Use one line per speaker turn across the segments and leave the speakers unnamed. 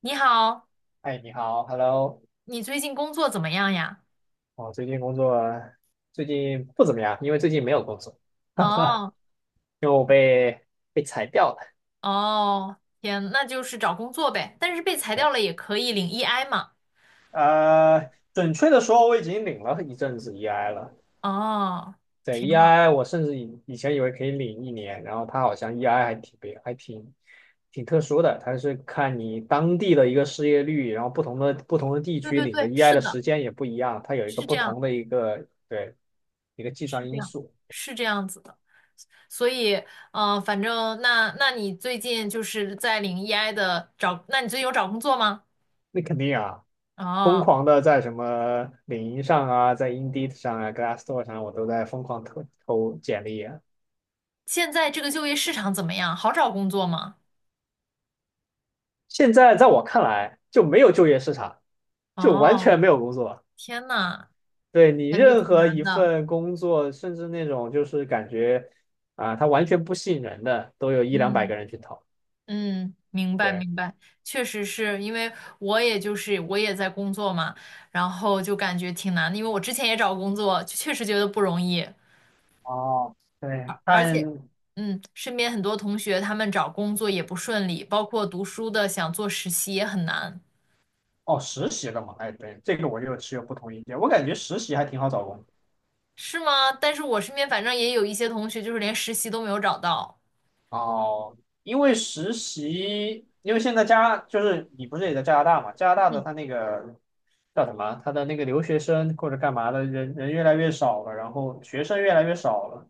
你好，
哎，你好，Hello。
你最近工作怎么样呀？
哦，最近不怎么样，因为最近没有工作，哈哈，
哦
因为我被裁掉了。
哦，天，那就是找工作呗，但是被裁
对。
掉了也可以领 EI 嘛。
准确的说，我已经领了一阵子 EI 了。
哦，
对
挺好。
，EI 我甚至以前以为可以领一年。然后它好像 EI 还挺别，还挺挺特殊的。它是看你当地的一个失业率，然后不同的地
对
区
对
领的
对，
EI
是
的
的，
时间也不一样，它有一个
是这
不
样，
同的一个，对，一个计
是
算
这
因
样，
素。
是这样子的。所以，反正那你最近就是在领 EI 的找，那你最近有找工作吗？
那肯定啊。疯
哦，
狂的在什么领英上啊，在 Indeed 上啊，Glassdoor 上，我都在疯狂投简历啊。
现在这个就业市场怎么样？好找工作吗？
现在在我看来，就没有就业市场，就完
哦，
全没有工作。
天呐，
对。你
感觉
任
挺
何
难
一
的。
份工作，甚至那种就是感觉啊，它完全不吸引人的，都有一两百
嗯。
个人去投。
嗯，明白
对。
明白，确实是因为我也在工作嘛，然后就感觉挺难的，因为我之前也找工作，就确实觉得不容易，
哦，对，
而而
看。
且，嗯，身边很多同学他们找工作也不顺利，包括读书的想做实习也很难，
哦，实习的嘛，哎，对，这个我就持有不同意见。我感觉实习还挺好找
是吗？但是我身边反正也有一些同学就是连实习都没有找到。
哦，因为实习，因为现在就是你不是也在加拿大嘛？加拿大的他那个叫什么？他的那个留学生或者干嘛的人越来越少了，然后学生越来越少了。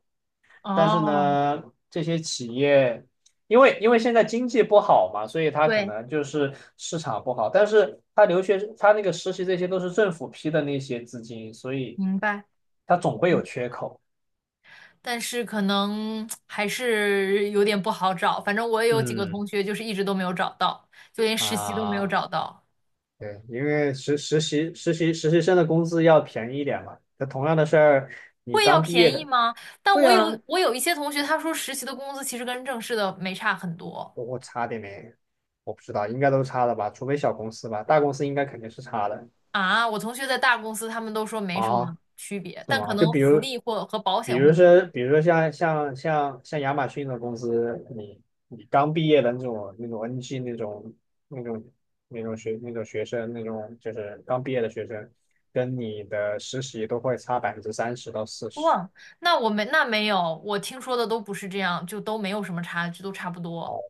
但是
哦，
呢，这些企业因为现在经济不好嘛，所以他可
对，
能就是市场不好。但是他留学他那个实习这些都是政府批的那些资金，所以
明白。
他总会有缺口。
但是可能还是有点不好找。反正我也有几个
嗯。
同学，就是一直都没有找到，就连实习都没有
啊。
找到。
对，因为实习生的工资要便宜一点嘛。那同样的事儿，你
会要
刚毕业
便宜
的，
吗？但
会
我
啊。
有我有一些同学，他说实习的工资其实跟正式的没差很多
我差点没，我不知道，应该都差了吧，除非小公司吧，大公司应该肯定是差的
啊。我同学在大公司，他们都说没什
啊。
么区别，
是
但可
吗？就
能
比
福
如，
利或和保
比
险会
如
不一样。
说，比如说像亚马逊的公司，你刚毕业的那种 NG 那种那种就是刚毕业的学生，跟你的实习都会差30%到40%。
哇，那没有，我听说的都不是这样，就都没有什么差距，都差不
哦，
多，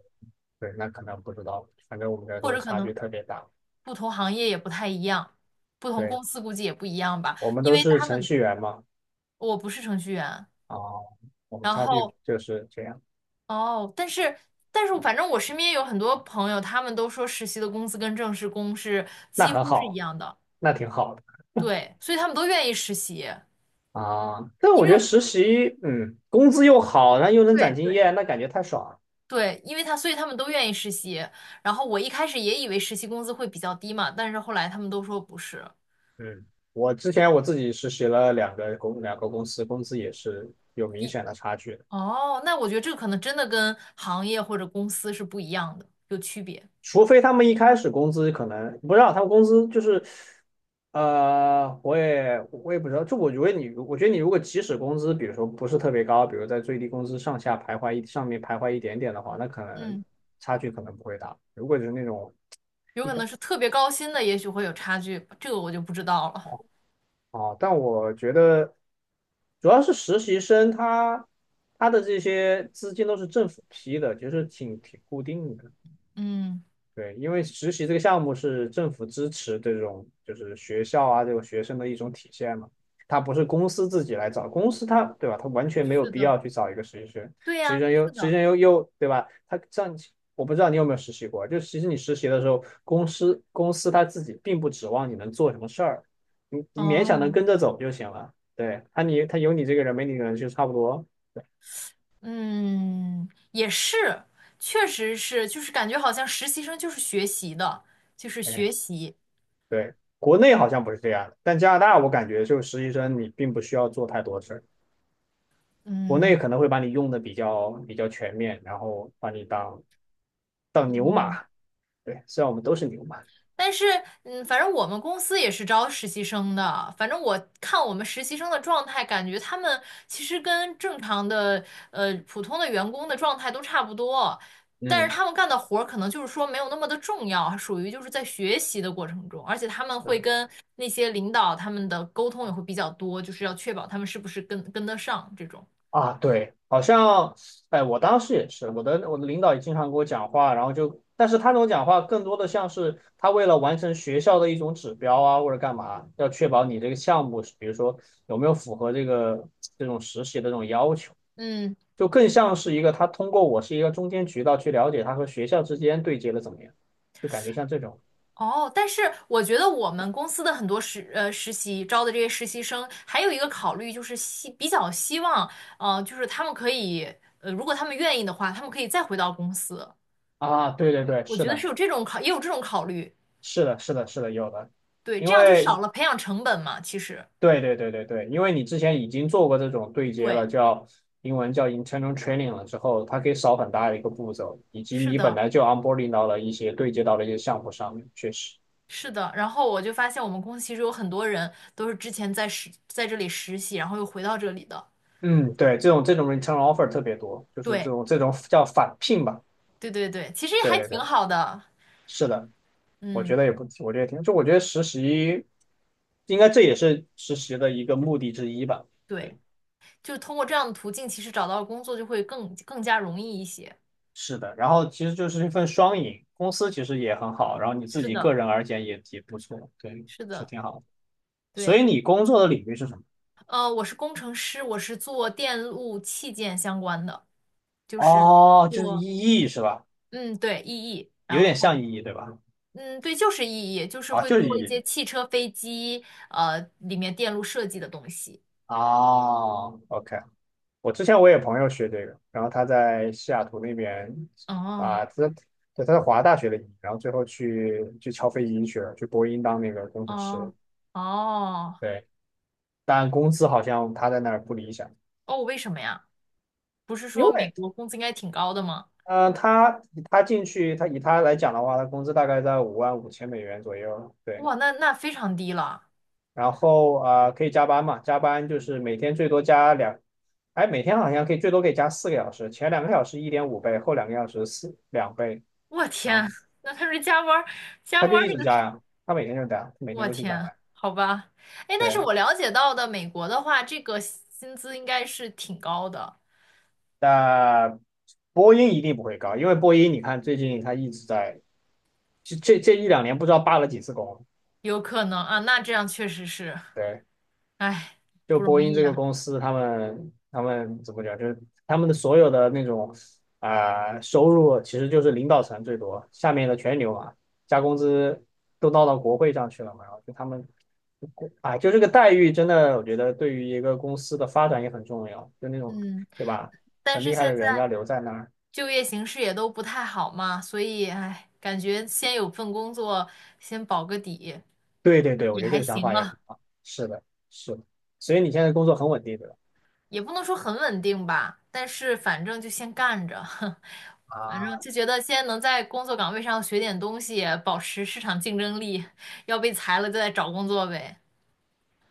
对，那可能不知道，反正我们这儿都
或
会
者可
差
能。
距特别大。
不同行业也不太一样，不同
对，
公司估计也不一样吧，
我们
因
都
为
是
他
程
们
序员嘛。
我不是程序员，
啊、我们
然
差距
后
就是这样，
哦，但是反正我身边有很多朋友，他们都说实习的工资跟正式工
那
几
很
乎是一
好，
样的，
那挺好的
对，所以他们都愿意实习，
啊。但
因
我
为
觉得
我
实习，工资又好，然后又能
对
攒经
对。
验，那感觉太爽了。
对，因为他，所以他们都愿意实习。然后我一开始也以为实习工资会比较低嘛，但是后来他们都说不是。
嗯，我之前我自己实习了两个公司，工资也是有明
低
显的差距。
哦，那我觉得这个可能真的跟行业或者公司是不一样的，有区别。
除非他们一开始工资可能不知道，他们工资就是，我也不知道。就我觉得你，我觉得你如果即使工资，比如说不是特别高，比如在最低工资上面徘徊一点点的话，那可能
嗯。
差距可能不会大。如果就是那种
有
一
可
开
能是特别高薪的，也许会有差距，这个我就不知道了。
啊。但我觉得主要是实习生他的这些资金都是政府批的，就是挺固定的。
嗯，
对，因为实习这个项目是政府支持这种就是学校啊这种学生的一种体现嘛，它不是公司自己来找，公司它对吧，它完全没有
是
必
的，
要去找一个实习生。
对
实习
呀，
生又
是
实习
的，
生又又对吧。我不知道你有没有实习过，就其实你实习的时候，公司他自己并不指望你能做什么事儿，你勉强能
哦，
跟着走就行了，对。他有你这个人没你的人就差不多，对，
嗯，也是，确实是，就是感觉好像实习生就是学习的，就是
大概。
学习，
对，国内好像不是这样的，但加拿大我感觉就是实习生你并不需要做太多事儿。国内
嗯。
可能会把你用的比较全面，然后把你当牛马。对，虽然我们都是牛马。
但是，嗯，反正我们公司也是招实习生的。反正我看我们实习生的状态，感觉他们其实跟正常的普通的员工的状态都差不多，但是
嗯，
他们干的活儿可能就是说没有那么的重要，属于就是在学习的过程中，而且他们
对
会跟那些领导他们的沟通也会比较多，就是要确保他们是不是跟得上这种。
啊，对，好像。哎，我当时也是，我的领导也经常给我讲话，然后就。但是他那种讲话更多的像是他为了完成学校的一种指标啊，或者干嘛，要确保你这个项目比如说有没有符合这种实习的这种要求。
嗯。
就更像是一个他通过我是一个中间渠道去了解他和学校之间对接的怎么样，就感觉像这种。
哦，但是我觉得我们公司的很多实习招的这些实习生，还有一个考虑就是比较希望，呃，就是他们可以，呃，如果他们愿意的话，他们可以再回到公司。
啊，对对对，
我
是
觉得是
的，
有这种考，也有这种考虑，
是的，是的，是的，有的。
对，
因
这样就少
为
了培养成本嘛。其实，
对对对对对，因为你之前已经做过这种对接
对，
了，英文叫 internal training 了之后，它可以少很大的一个步骤，以及
是
你本
的，
来就 onboarding 到了一些对接到了一些项目上面，确实。
是的。然后我就发现我们公司其实有很多人都是之前在这里实习，然后又回到这里的。
嗯，对，这种 return offer 特别多，就是
对，
这种叫返聘吧，
对对对，其实也
对
还
对
挺
对，
好的。
是的。我
嗯，
觉得也不，我觉得也挺，就我觉得实习，应该这也是实习的一个目的之一吧。
对。
对，
就通过这样的途径，其实找到工作就会更更加容易一些。
是的。然后其实就是一份双赢，公司其实也很好，然后你自
是
己个
的，
人而言也不错，对，
是
是
的，
挺好的。所
对，
以你工作的领域是什么？
呃，我是工程师，我是做电路器件相关的，就是
哦，就是
做，
EE 是吧？
嗯，对，EE，
有
然
点像
后，
EE 对吧？
嗯，对，就是 EE，就是
啊，
会
就是
做一些
EE。
汽车、飞机，呃，里面电路设计的东西。
哦，OK。我之前我也有朋友学这个，然后他在西雅图那边。
哦，
啊，他对，他在华大学的医然后最后去敲飞机去了，去波音当那个工程师。
哦，哦，
对，但工资好像他在那儿不理想。
哦，为什么呀？不是
因
说美
为
国工资应该挺高的吗？
嗯、呃他他进去，他来讲的话，他工资大概在55,000美元左右。对。
哇，那那非常低了。
然后可以加班嘛，加班就是每天最多加两。哎，每天好像最多可以加4个小时，前2个小时1.5倍，后2个小时两倍
我天，
啊。
那他这加班儿加
他
班
就
儿
一
这
直
个
加
是，
呀，他每天就加，每天
我
都去加
天，
班。
好吧，哎，但是
对，
我了解到的美国的话，这个薪资应该是挺高的，
但波音一定不会高，因为波音你看最近他一直在。这一两年不知道罢了几次工。
有可能啊，那这样确实是，
对，
哎，
就
不容
波音
易
这个
啊，
公司，他们怎么讲，就是他们的所有的那种收入，其实就是领导层最多，下面的全牛嘛，加工资都闹到国会上去了嘛，然后就他们啊，就这个待遇真的，我觉得对于一个公司的发展也很重要，就那种，
嗯，
对吧？
但
很
是
厉害
现
的人
在
要留在那儿。
就业形势也都不太好嘛，所以哎，感觉先有份工作，先保个底，
对对对，我
也
觉得这
还
个想
行
法也很
了。
好。是的，是的。所以你现在工作很稳定，对吧？
也不能说很稳定吧，但是反正就先干着，反正
啊，
就觉得先能在工作岗位上学点东西，保持市场竞争力，要被裁了就再找工作呗。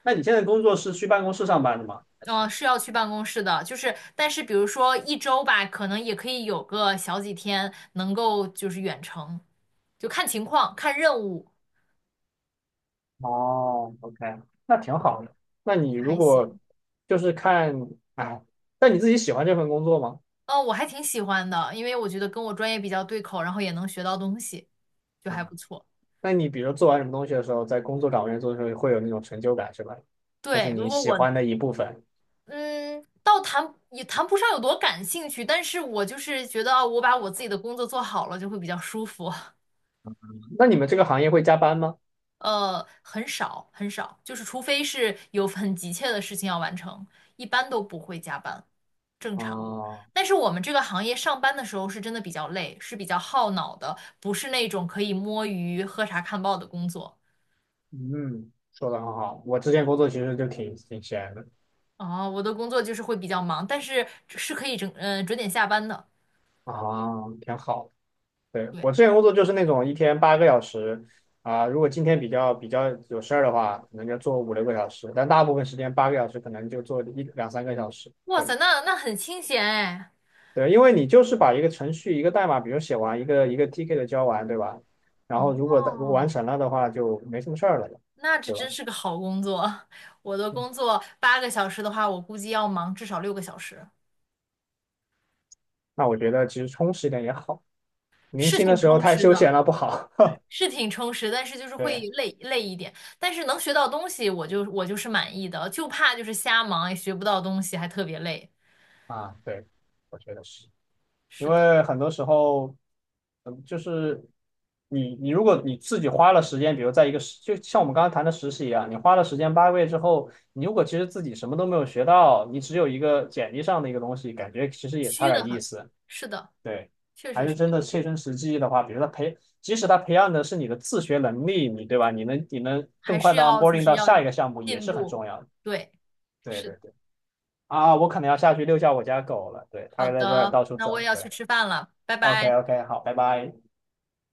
那你现在工作是去办公室上班的吗？还是？
嗯，是要去办公室的，就是，但是比如说一周吧，可能也可以有个小几天能够就是远程，就看情况，看任务，
哦，OK，那挺好的。那你
就
如
还
果
行。
就是看，哎，那你自己喜欢这份工作吗？
嗯，我还挺喜欢的，因为我觉得跟我专业比较对口，然后也能学到东西，就
啊，
还不错。
那你比如做完什么东西的时候，在工作岗位上做的时候，会有那种成就感，是吧？那是
对，如
你
果
喜
我
欢的一部分。
嗯，倒也谈不上有多感兴趣，但是我就是觉得啊，我把我自己的工作做好了就会比较舒服。
那你们这个行业会加班吗？
呃，很少，就是除非是有很急切的事情要完成，一般都不会加班，正常。
啊，
但是我们这个行业上班的时候是真的比较累，是比较耗脑的，不是那种可以摸鱼、喝茶看报的工作。
嗯，说的很好。我之前工作其实就挺闲的。
哦，我的工作就是会比较忙，但是是可以整，呃，准点下班的。
啊，挺好的。对，
对，
我之前工作就是那种一天八个小时啊。如果今天比较有事儿的话，可能就做5、6个小时，但大部分时间八个小时可能就做一两三个小时。
哇
对
塞，那那很清闲哎。
对，因为你就是把一个程序一个代码，比如写完一个 TK 的交完，对吧？然后如果完
哦，
成了的话，就没什么事儿了，
那这
对
真
吧？
是个好工作。我的
嗯，
工作八个小时的话，我估计要忙至少六个小时，
那我觉得其实充实一点也好。年
是
轻的
挺
时候
充
太
实
休
的，
闲了，不好。
是挺充实，但是就是会
对
累一点。但是能学到东西，我就是满意的，就怕就是瞎忙也学不到东西，还特别累。
啊，对，我觉得是。因
是的，
为很多时候，就是你如果你自己花了时间，比如在一个实，就像我们刚刚谈的实习一样，你花了时间8个月之后，你如果其实自己什么都没有学到，你只有一个简历上的一个东西，感觉其实也差
虚的
点意
很。
思。
是的，
对，
确
还
实
是
是这
真
样，
的切身实际的话，比如即使他培养的是你的自学能力，你对吧？你能更
还
快
是
的 onboarding 到
要
下一个项目也
进
是很
步。
重要的。
对，
对
是
对
的，
对。啊，我可能要下去遛一下我家狗了。对，
好
它在这儿
的，
到处
那我也
走。
要
对
去吃饭了，拜
，OK，
拜。
OK，好，拜拜。